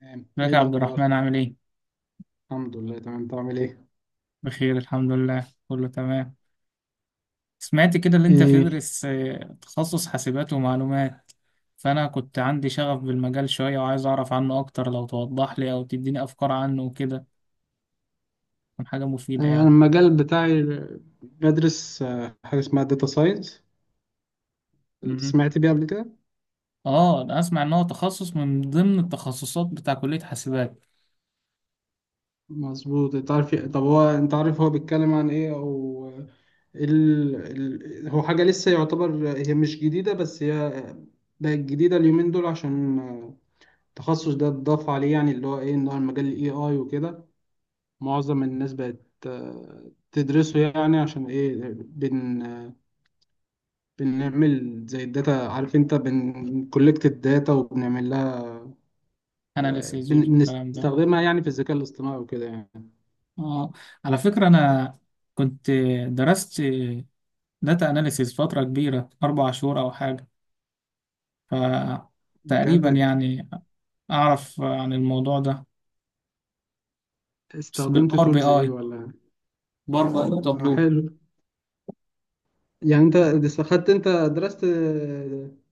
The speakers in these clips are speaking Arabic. تمام، ازيك ايه يا عبد الاخبار؟ الرحمن عامل ايه؟ الحمد لله تمام. انت عامل ايه؟ بخير الحمد لله، كله تمام. سمعت كده اللي انت ايه. تدرس تخصص حاسبات ومعلومات. فانا كنت عندي شغف بالمجال شوية وعايز اعرف عنه اكتر لو توضح لي او تديني افكار عنه وكده، تكون حاجة مفيدة انا يعني. المجال بتاعي بدرس حاجه اسمها داتا ساينس. مهم. سمعت بيها قبل كده؟ اه انا اسمع ان هو تخصص من ضمن التخصصات بتاع كلية حاسبات. مظبوط. انت عارف طب هو انت عارف هو بيتكلم عن ايه او ال... هو حاجه لسه يعتبر، هي مش جديده بس هي بقت جديده اليومين دول، عشان التخصص ده اتضاف عليه، يعني اللي هو ايه ان هو المجال الاي اي وكده. معظم الناس بقت تدرسه، يعني عشان ايه بنعمل زي الداتا. عارف انت بنكولكت الداتا وبنعمل لها اناليسيز والكلام ده. بنستخدمها يعني في الذكاء الاصطناعي وكده يعني. اه، على فكرة انا كنت درست داتا اناليسيز فترة كبيرة 4 شهور او حاجة، بجد؟ فتقريبا يعني أعرف عن الموضوع ده. بس استخدمت بالباور بي تولز آي، ايه ولا؟ باور بي آي آه، وتابلو. حلو. يعني انت استخدت، انت درست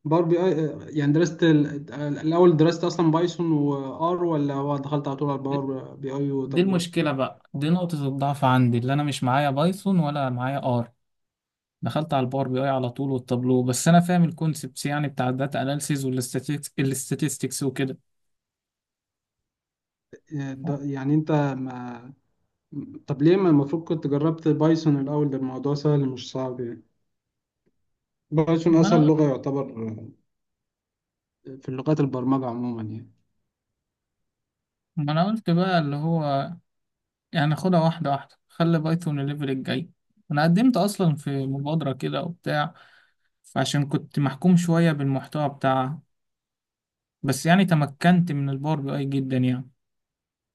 باور بي اي. يعني درست الاول درست اصلا بايثون وار، ولا هو دخلت على طول على باور بي اي دي وتابلو؟ المشكلة بقى، دي نقطة الضعف عندي اللي أنا مش معايا بايثون ولا معايا آر. دخلت على الباور بي آي على طول والتابلو، بس أنا فاهم الكونسبتس يعني بتاع الداتا أناليسيز والاستاتستكس وكده. يعني انت ما. طب ليه ما؟ المفروض كنت جربت بايثون الاول، ده الموضوع سهل مش صعب يعني. بايثون ما اسهل أنا لغه يعتبر في لغات البرمجه عموما يعني. ما أنا قلت بقى اللي هو يعني خدها واحدة واحدة، خلي بايثون الليفل الجاي. أنا قدمت أصلا في مبادرة كده وبتاع، فعشان كنت محكوم شوية بالمحتوى بتاعها، بس يعني تمكنت من الباور بي اي جدا يعني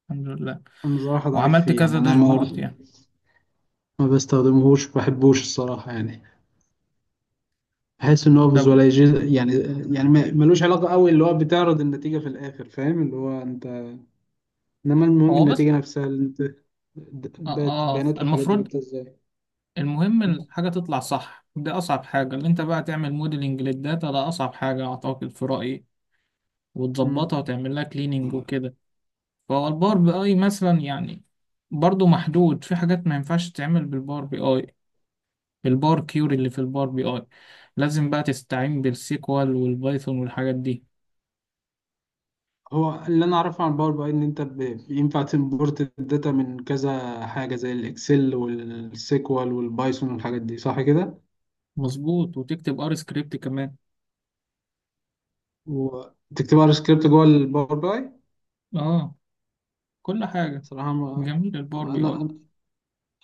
الحمد لله، انا صراحه ضعيف وعملت فيه، يعني كذا انا ما، داشبورد يعني. ما بستخدمهوش، ما بحبوش الصراحه يعني. بحس ان هو طب فيزواليزيشن، يعني يعني ملوش علاقه قوي، اللي هو بتعرض النتيجه في الاخر، فاهم اللي هو انت. انما المهم هو بس النتيجه نفسها اللي انت اه, بيانات بيانات والحاجات دي المفروض، جبتها ازاي. المهم الحاجة تطلع صح. دي أصعب حاجة، اللي أنت بقى تعمل موديلنج للداتا ده أصعب حاجة أعتقد في رأيي، مم. وتظبطها وتعمل لها كليننج وكده. فهو الباور بي أي مثلا يعني برضو محدود، في حاجات ما ينفعش تعمل بالباور بي أي، بالبار كيوري اللي في الباور بي أي لازم بقى تستعين بالسيكوال والبايثون والحاجات دي. هو اللي انا اعرفه عن باور بي اي ان انت بينفع تمبورت الداتا من كذا حاجه زي الاكسل والسيكوال والبايثون والحاجات دي، صح كده؟ مظبوط، وتكتب ار سكريبت كمان. وتكتبوا على سكريبت جوه الباور باي؟ اه، كل حاجة. صراحة ما، جميل الباور بي أنا اي. أنا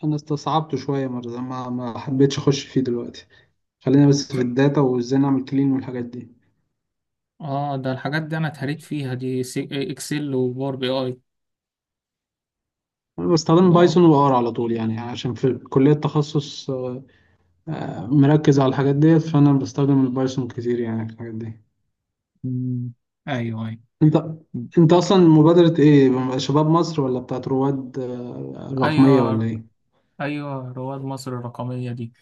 أنا استصعبته شوية مرة، ما حبيتش أخش فيه دلوقتي. خلينا بس س- في الداتا وإزاي نعمل كلين والحاجات دي. اه ده الحاجات دي انا اتهريت فيها دي، اكسل وباور بي اي أنا بستخدم اللي هو. بايثون وآر على طول، يعني عشان في كلية تخصص مركز على الحاجات ديت، فأنا بستخدم البايثون كتير يعني في الحاجات دي. مم. ايوه ايوه. أنت أنت أصلا مبادرة إيه، شباب مصر ولا بتاعت رواد رقمية ولا ايوه إيه؟ ايوه رواد مصر الرقمية دي.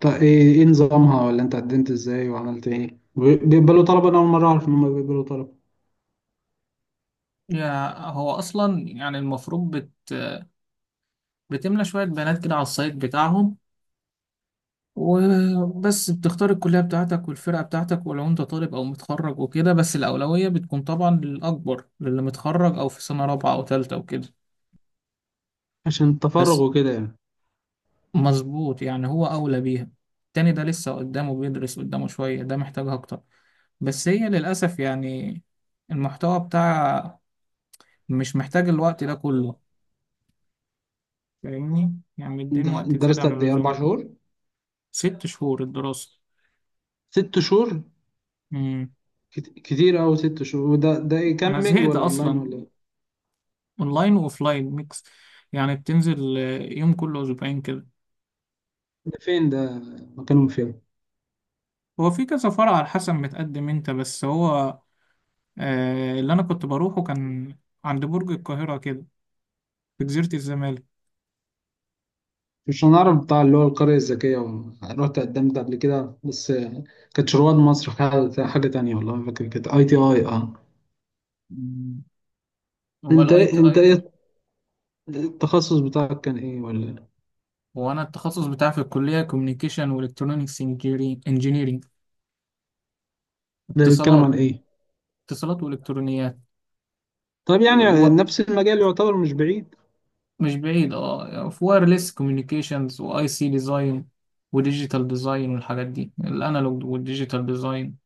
طيب ايه، نظامها، ولا انت قدمت ازاي وعملت ايه؟ بيقبلوا طلبة؟ انا اول مرة اعرف ان هم بيقبلوا طلبة. يا هو اصلا يعني المفروض بتملى شوية بيانات كده على السايت بتاعهم، وبس بتختار الكلية بتاعتك والفرقة بتاعتك ولو انت طالب او متخرج وكده، بس الأولوية بتكون طبعا للأكبر، للي متخرج او في سنة رابعة او تالتة وكده. عشان التفرغ بس وكده يعني. مظبوط، يعني هو أولى بيها. التاني ده لسه قدامه، بيدرس قدامه شوية، ده محتاجها أكتر. بس هي للأسف يعني المحتوى بتاع مش محتاج الوقت ده كله، فاهمني يعني مدين انت وقت أنت زيادة درست عن قد ايه، اربع اللزوم. شهور 6 شهور الدراسة. 6 شهور. مم. كتير اوي 6 شهور. وده ايه، أنا كامبينج زهقت ولا اونلاين أصلا. ولا ايه؟ أونلاين وأوفلاين ميكس، يعني بتنزل يوم كل أسبوعين كده. ده فين ده؟ مكانهم فين؟ هو في كذا فرع على حسب متقدم أنت، بس هو آه اللي أنا كنت بروحه كان عند برج القاهرة كده، في جزيرة الزمالك. مش هنعرف. بتاع اللي هو القرية الذكية رحت قدمت قبل كده، بس كانت رواد مصر حاجة تانية، والله ما فاكر، كانت اي تي اي اه. هو انت الاي تي انت اي. ايه التخصص بتاعك، كان ايه ولا؟ هو انا التخصص بتاعي في الكليه كوميونيكيشن والكترونكس انجينيرنج، ده بيتكلم عن اتصالات. ايه؟ اتصالات والكترونيات. طب يعني الو... نفس المجال يعتبر، مش بعيد. مش بعيد، اه في وايرلس كوميونيكيشنز واي سي ديزاين وديجيتال ديزاين والحاجات دي، الانالوج والديجيتال ديزاين.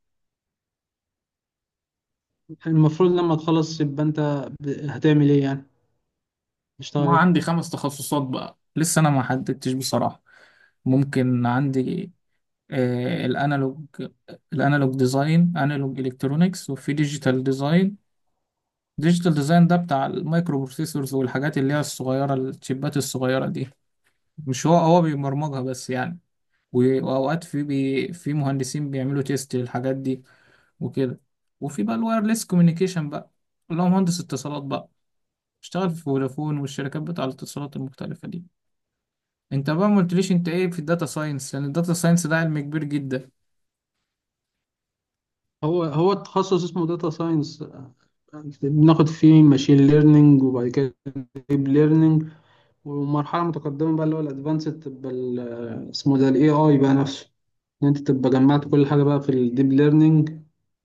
المفروض لما تخلص يبقى انت هتعمل ايه يعني، تشتغل ما عندي ايه؟ 5 تخصصات بقى، لسه انا ما حددتش بصراحه. ممكن عندي آه الانالوج، الانالوج ديزاين انالوج الكترونكس، وفي ديجيتال ديزاين. ديجيتال ديزاين ده بتاع المايكرو بروسيسورز والحاجات اللي هي الصغيرة، الشيبات الصغيرة دي. مش هو، هو بيبرمجها بس يعني، وأوقات في بي في مهندسين بيعملوا تيست للحاجات دي وكده. وفي بقى الوايرلس كوميونيكيشن بقى اللي هو مهندس اتصالات بقى، اشتغل في فودافون والشركات بتاع الاتصالات المختلفة دي. انت بقى ما قلتليش انت ايه في الداتا ساينس، لان الداتا ساينس ده علم كبير جدا. هو التخصص اسمه داتا ساينس. بناخد فيه ماشين ليرنينج وبعد كده ديب ليرنينج، ومرحلة متقدمة بقى اللي هو الادفانسد، تبقى اسمه ده الاي اي بقى نفسه. ان انت تبقى جمعت كل حاجة بقى في الديب ليرنينج،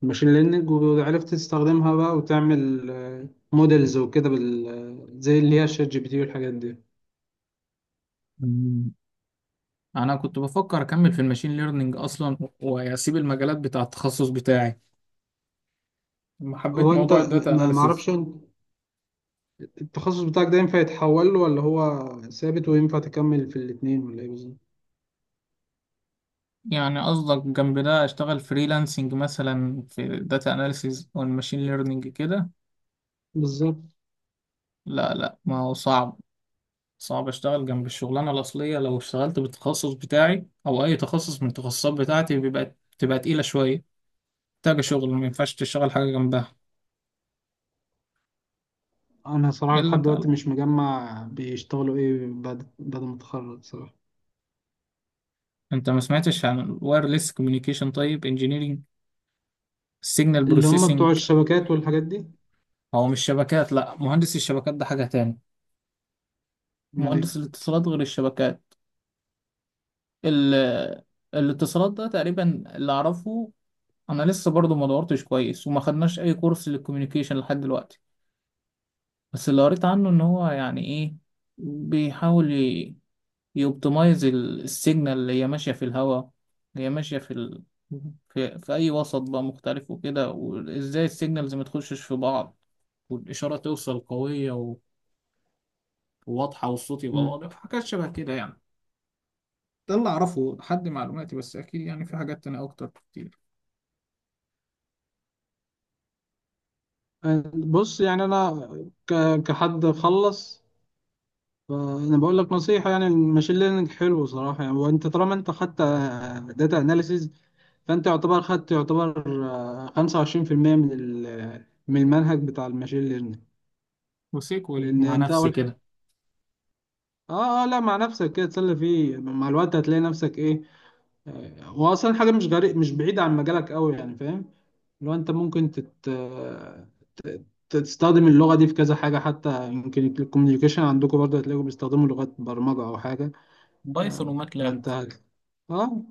الماشين ليرنينج، وعرفت تستخدمها بقى وتعمل موديلز وكده بال زي اللي هي شات جي بي تي والحاجات دي. مم. انا كنت بفكر اكمل في الماشين ليرنينج اصلا واسيب المجالات بتاع التخصص بتاعي، حبيت هو انت موضوع الداتا ما اناليسيز. معرفش، انت التخصص بتاعك ده ينفع يتحول له، ولا هو ثابت وينفع تكمل في الاتنين، ولا ايه بالظبط؟ يعني قصدك جنب ده اشتغل فريلانسنج مثلا في داتا اناليسيز والماشين ليرنينج كده. بالظبط. لا لا ما هو صعب. صعب اشتغل جنب الشغلانه الاصليه، لو اشتغلت بالتخصص بتاعي او اي تخصص من التخصصات بتاعتي بتبقى تقيله شويه، محتاجه شغل ما ينفعش تشتغل حاجه جنبها. انا صراحة الا لحد بقى دلوقتي لو. مش مجمع بيشتغلوا ايه بعد ما اتخرج صراحة. انت ما سمعتش عن الوايرلس كوميونيكيشن طيب، انجينيرنج السيجنال اللي هم بتوع بروسيسنج. الشبكات والحاجات دي؟ هو مش شبكات، لا مهندس الشبكات ده حاجه تاني. امال ايه؟ مهندس الاتصالات غير الشبكات. ال- الاتصالات ده تقريبا اللي اعرفه. انا لسه برضو ما دورتش كويس وما خدناش اي كورس للكوميونيكيشن لحد دلوقتي، بس اللي قريت عنه ان هو يعني ايه، بيحاول يوبتمايز السيجنال اللي هي ماشيه في الهواء، اللي هي ماشيه في اي وسط بقى مختلف وكده، وازاي السيجنالز ما تخشش في بعض، والاشاره توصل قويه وواضحه، والصوت يبقى مم. واضح، حاجات شبه كده يعني. ده اللي اعرفه لحد معلوماتي، بس اكيد يعني في حاجات تانية اكتر كتير. أه، بص يعني انا، كحد خلص، فانا بقول لك نصيحة. يعني الماشين ليرنينج حلو صراحة، يعني وانت طالما انت خدت داتا اناليسيز، فانت يعتبر خدت، يعتبر 25% من من المنهج بتاع الماشين ليرنينج، وسيكوال لان مع انت نفسي اول كده. اه، اه، لا، مع نفسك كده تسلي فيه. مع الوقت هتلاقي نفسك ايه، هو اصلا حاجه مش غريب، مش بعيده عن مجالك قوي، يعني فاهم. لو انت ممكن تت... آه، تستخدم اللغه دي في كذا حاجه، حتى يمكن الكوميونيكيشن عندكم برضه هتلاقوا بيستخدموا لغات برمجه او حاجه. بايثون آه، وماتلاب. فانت اه،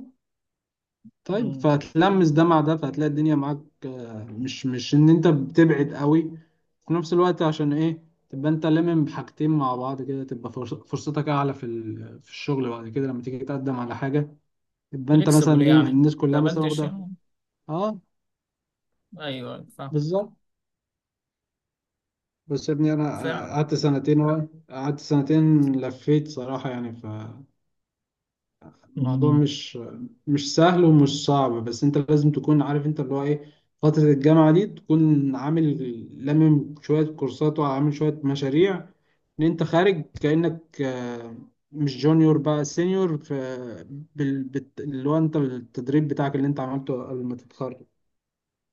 طيب، فهتلمس ده مع ده فهتلاقي الدنيا معاك، مش ان انت بتبعد قوي في نفس الوقت، عشان ايه؟ تبقى انت لمم بحاجتين مع بعض كده، تبقى فرصتك اعلى في في الشغل بعد كده لما تيجي تقدم على حاجه. يبقى انت فليكسبل مثلا ايه، يعني، الناس كلها مثلا تقبلتش واخده. يعني. اه، ايوه فاهم. بالظبط. بس يا ابني انا فعلا. قعدت سنتين لفيت صراحه يعني، ف الموضوع مم. مش سهل ومش صعب، بس انت لازم تكون عارف انت اللي هو ايه. فترة الجامعة دي تكون عامل لامم شوية كورسات وعامل شوية مشاريع، ان انت خارج كأنك مش جونيور بقى، سينيور في اللي هو انت، التدريب بتاعك اللي انت عملته قبل ما تتخرج.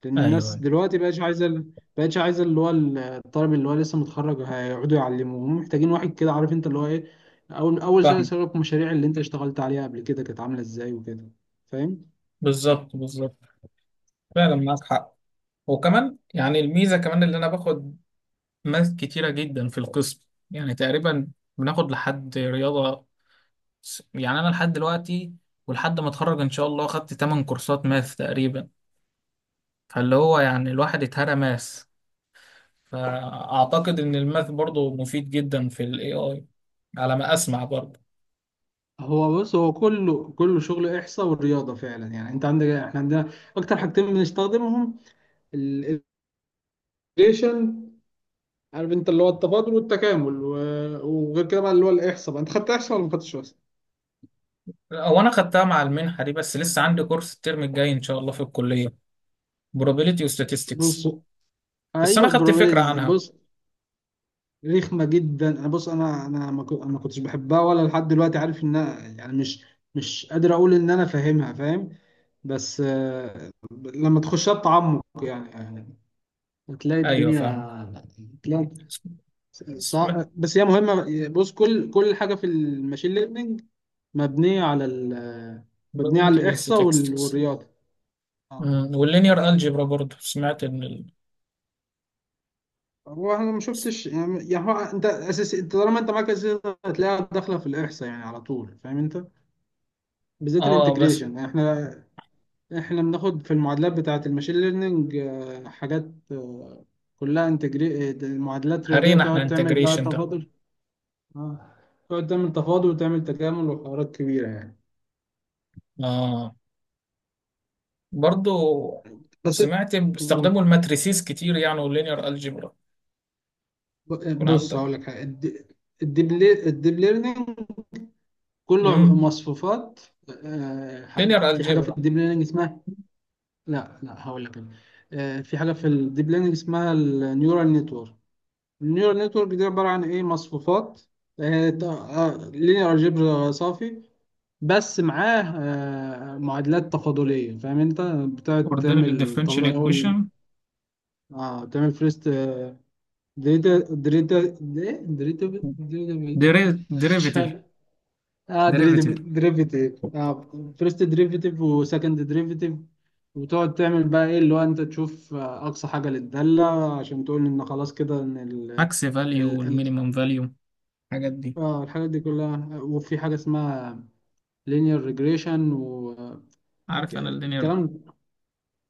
لان الناس ايوه دلوقتي بقتش عايزه بقتش عايزه اللي هو الطالب اللي هو لسه متخرج هيقعدوا يعلموه، هم محتاجين واحد كده عارف انت اللي هو ايه. اول سنه فاهم. سابق المشاريع اللي انت اشتغلت عليها قبل كده كانت عامله ازاي وكده. فاهم. بالظبط بالظبط، فعلا معاك حق. وكمان يعني الميزه كمان اللي انا باخد ماث كتيره جدا في القسم، يعني تقريبا بناخد لحد رياضه، يعني انا لحد دلوقتي ولحد ما اتخرج ان شاء الله خدت 8 كورسات ماث تقريبا. فاللي هو يعني الواحد اتهرى ماث، فاعتقد ان الماث برضو مفيد جدا في الاي اي، على ما اسمع برضو. هو بص، هو كله كله شغل احصاء والرياضه فعلا، يعني انت عندك، احنا عندنا اكتر حاجتين بنستخدمهم، الايجريشن، عارف انت اللي هو التفاضل والتكامل، وغير كده بقى اللي هو الاحصاء بقى. انت خدت احصاء ولا ما خدتش احصاء؟ هو انا خدتها مع المنحه دي، بس لسه عندي كورس الترم الجاي ان شاء الله في الكليه، probability و statistics، بص، بس انا ايوه، خدت فكره probabilities. عنها. بص، رخمه جدا، انا بص، انا ما كو- أنا ما كنتش بحبها ولا لحد دلوقتي، عارف ان أنا يعني مش، مش قادر اقول ان انا فاهمها، فاهم. بس لما تخشها بتعمق، يعني هتلاقي ايوه فاهم. الدنيا، تلاقي سمعت بس هي مهمه، بص كل حاجه في الماشين ليرنينج مبنيه على مبنيه على probability وال الاحصاء statistics. والرياضه. اه. أمم، واللينير algebra برضو سمعت ان هو انا ما شفتش، يعني هو انت اساسي، انت طالما انت معاك اساسي هتلاقيها داخله في الاحصاء، يعني على طول، فاهم انت. بالذات اه بس الانتجريشن، يعني احنا، احنا بناخد في المعادلات بتاعه الماشين ليرنينج حاجات كلها انتجري، معادلات رياضيه هرينا تقعد احنا تعمل بقى integration ده. تفاضل. آه، تقعد تعمل تفاضل وتعمل تكامل وحوارات كبيره يعني. اه برضو بس سمعت قول. باستخدموا الماتريسيز كتير يعني واللينير algebra. يكون بص عندك. هقول لك حاجه الديب ليرنينج كله امم. مصفوفات. Linear في حاجه في algebra. الديب ليرنينج اسمها، لا لا، هقول لك أنا. في حاجه في الديب ليرنينج اسمها النيورال نتورك. النيورال نتورك دي عبارة عن إيه، مصفوفات، لينير الجبر صافي، بس معاه معادلات تفاضلية، فاهم أنت؟ بتقعد ordinary تعمل differential تفاضل أول، equation. اه تعمل فيرست. دريتا دريتا- مش derivative. فاهم، اه، derivative، دريفيتيف، اه، فيرست دريفيتيف وسكند دريفيتيف. وتقعد تعمل بقى ايه، اللي هو انت تشوف اقصى حاجه للداله، عشان تقول ان خلاص كده ان ال... max value والمينيمم value، الحاجات دي. اه، الحاجات دي كلها. وفي حاجة اسمها linear regression عارف انا اللينير، والكلام.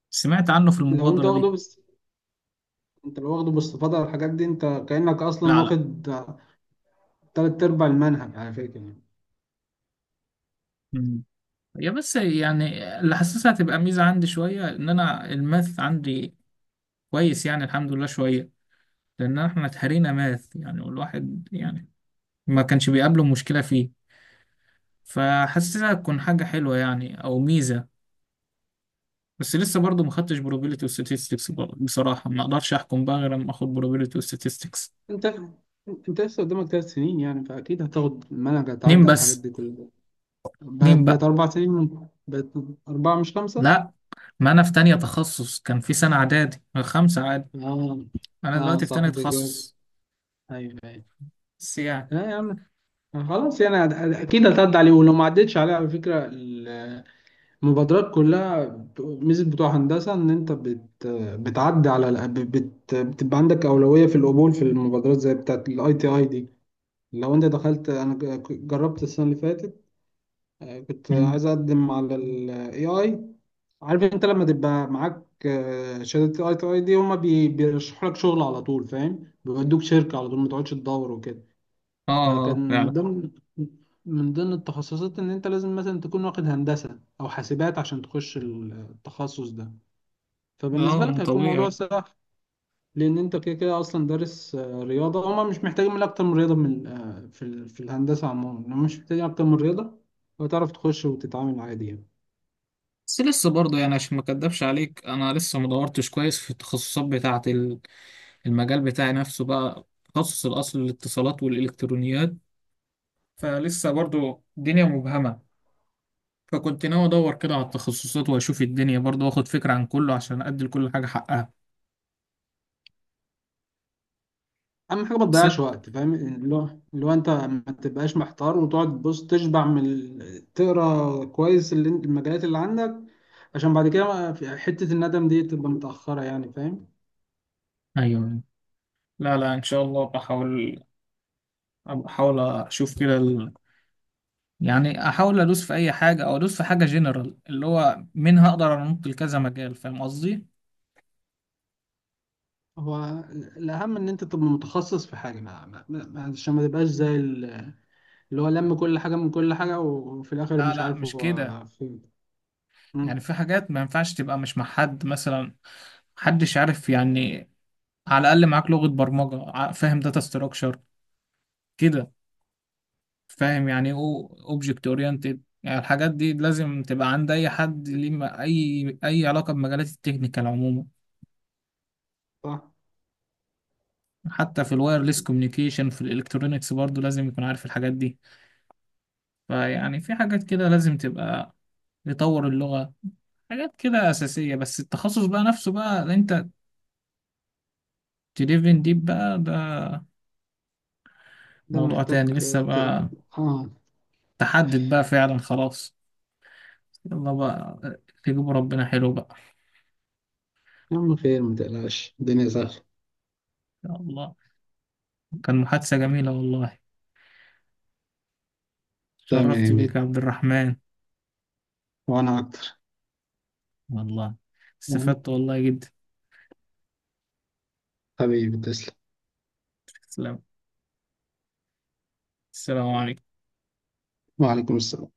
سمعت عنه في لو انت المبادرة واخده، دي. بس انت لو واخده باستفاضة على الحاجات دي، انت كأنك اصلا لا لا. واخد تلات ارباع المنهج على فكرة يعني. مم. هي بس يعني اللي حاسسها هتبقى ميزة عندي شوية، ان انا الماث عندي كويس يعني الحمد لله شوية، لان احنا اتهرينا ماث يعني، والواحد يعني ما كانش بيقابله مشكلة فيه. فحاسسها تكون حاجة حلوة يعني او ميزة. بس لسه برضه ما خدتش probability و statistics، بصراحة ما اقدرش احكم بقى غير لما اخد probability و statistics. انت انت لسه قدامك 3 سنين، يعني فاكيد هتاخد المنهج، اتنين هتعدي على الحاجات بس. دي كلها. اتنين بقت بقى. 4 سنين بقت اربعة مش خمسة. لا ما انا في تانية تخصص كان في سنة اعدادي خمسة عادي. اه، انا اه دلوقتي في صح، تانية انت كده. تخصص. ايوه، ايوه. بس يعني. اه يا عم، خلاص يعني اكيد هتعدي عليه. ولو ما عدتش عليه، على فكرة المبادرات كلها ميزة بتوع هندسة إن أنت بتعدي على الأ- بت بتبقى عندك أولوية في القبول في المبادرات زي بتاعة الأي تي أي دي. لو أنت دخلت، أنا جربت السنة اللي فاتت، كنت مم. عايز أقدم على ال AI. عارف أنت لما تبقى معاك شهادة ال ITI دي، هما بيرشحوا لك شغل على طول، فاهم؟ بيودوك شركة على طول، ما تقعدش تدور وكده. اه فكان من فعلا. ضمن، من ضمن التخصصات ان انت لازم مثلا تكون واخد هندسة او حاسبات عشان تخش التخصص ده، فبالنسبة اه لك من هيكون موضوع طبيعي. سهل. لان انت كده كده اصلا دارس رياضة. هما مش محتاجين من اكتر من رياضة، من في في الهندسة عموما هما مش محتاجين اكتر من رياضة. وتعرف تخش وتتعامل عادي يعني. بس لسه برضه يعني عشان ما اكدبش عليك، انا لسه ما دورتش كويس في التخصصات بتاعة المجال بتاعي نفسه بقى، تخصص الاصل الاتصالات والالكترونيات. فلسه برضه الدنيا مبهمة. فكنت ناوي ادور كده على التخصصات واشوف الدنيا برضه واخد فكرة عن كله عشان ادي لكل حاجة حقها. اهم حاجه ما بس تضيعش وقت، فاهم اللي هو، اللي هو انت ما تبقاش محتار، وتقعد تبص تشبع من تقرا كويس اللي المجالات اللي عندك، عشان بعد كده في حته الندم دي تبقى متاخره يعني، فاهم. ايوه. لا لا ان شاء الله بحاول، بحاول اشوف كده يعني احاول ادوس في اي حاجة او ادوس في حاجة جنرال اللي هو منها اقدر انط لكذا مجال، فاهم قصدي. هو الاهم ان انت تبقى متخصص في حاجه، عشان ما تبقاش زي اللي هو لم كل حاجه من كل حاجه وفي الاخر لا مش لا عارف مش كده. هو فين. يعني مم، في حاجات ما ينفعش تبقى مش مع حد مثلا، محدش عارف يعني. على الاقل معاك لغة برمجة فاهم داتا ستراكشر كده، فاهم يعني ايه اوبجكت اورينتد، يعني الحاجات دي لازم تبقى عند اي حد ليه اي علاقه بمجالات التكنيكال عموما. صح. حتى في الوايرلس كوميونيكيشن في الالكترونيكس برضو لازم يكون عارف الحاجات دي. فيعني في حاجات كده لازم تبقى، يطور اللغه، حاجات كده اساسيه. بس التخصص بقى نفسه بقى اللي انت تديفن ديب بقى، ده ده موضوع محتاج تاني لسه ت... بقى، اه. تحدد بقى فعلا خلاص. يلا بقى، تجيبوا ربنا حلو بقى. يا عم خير ما تقلقش، الدنيا سهله. يا الله، كان محادثه جميله والله. شرفت بيك تمام، يا عبد الرحمن. وانا اكتر. والله يعني استفدت والله جدا. حبيبي تسلم. سلام. السلام عليكم. وعليكم السلام.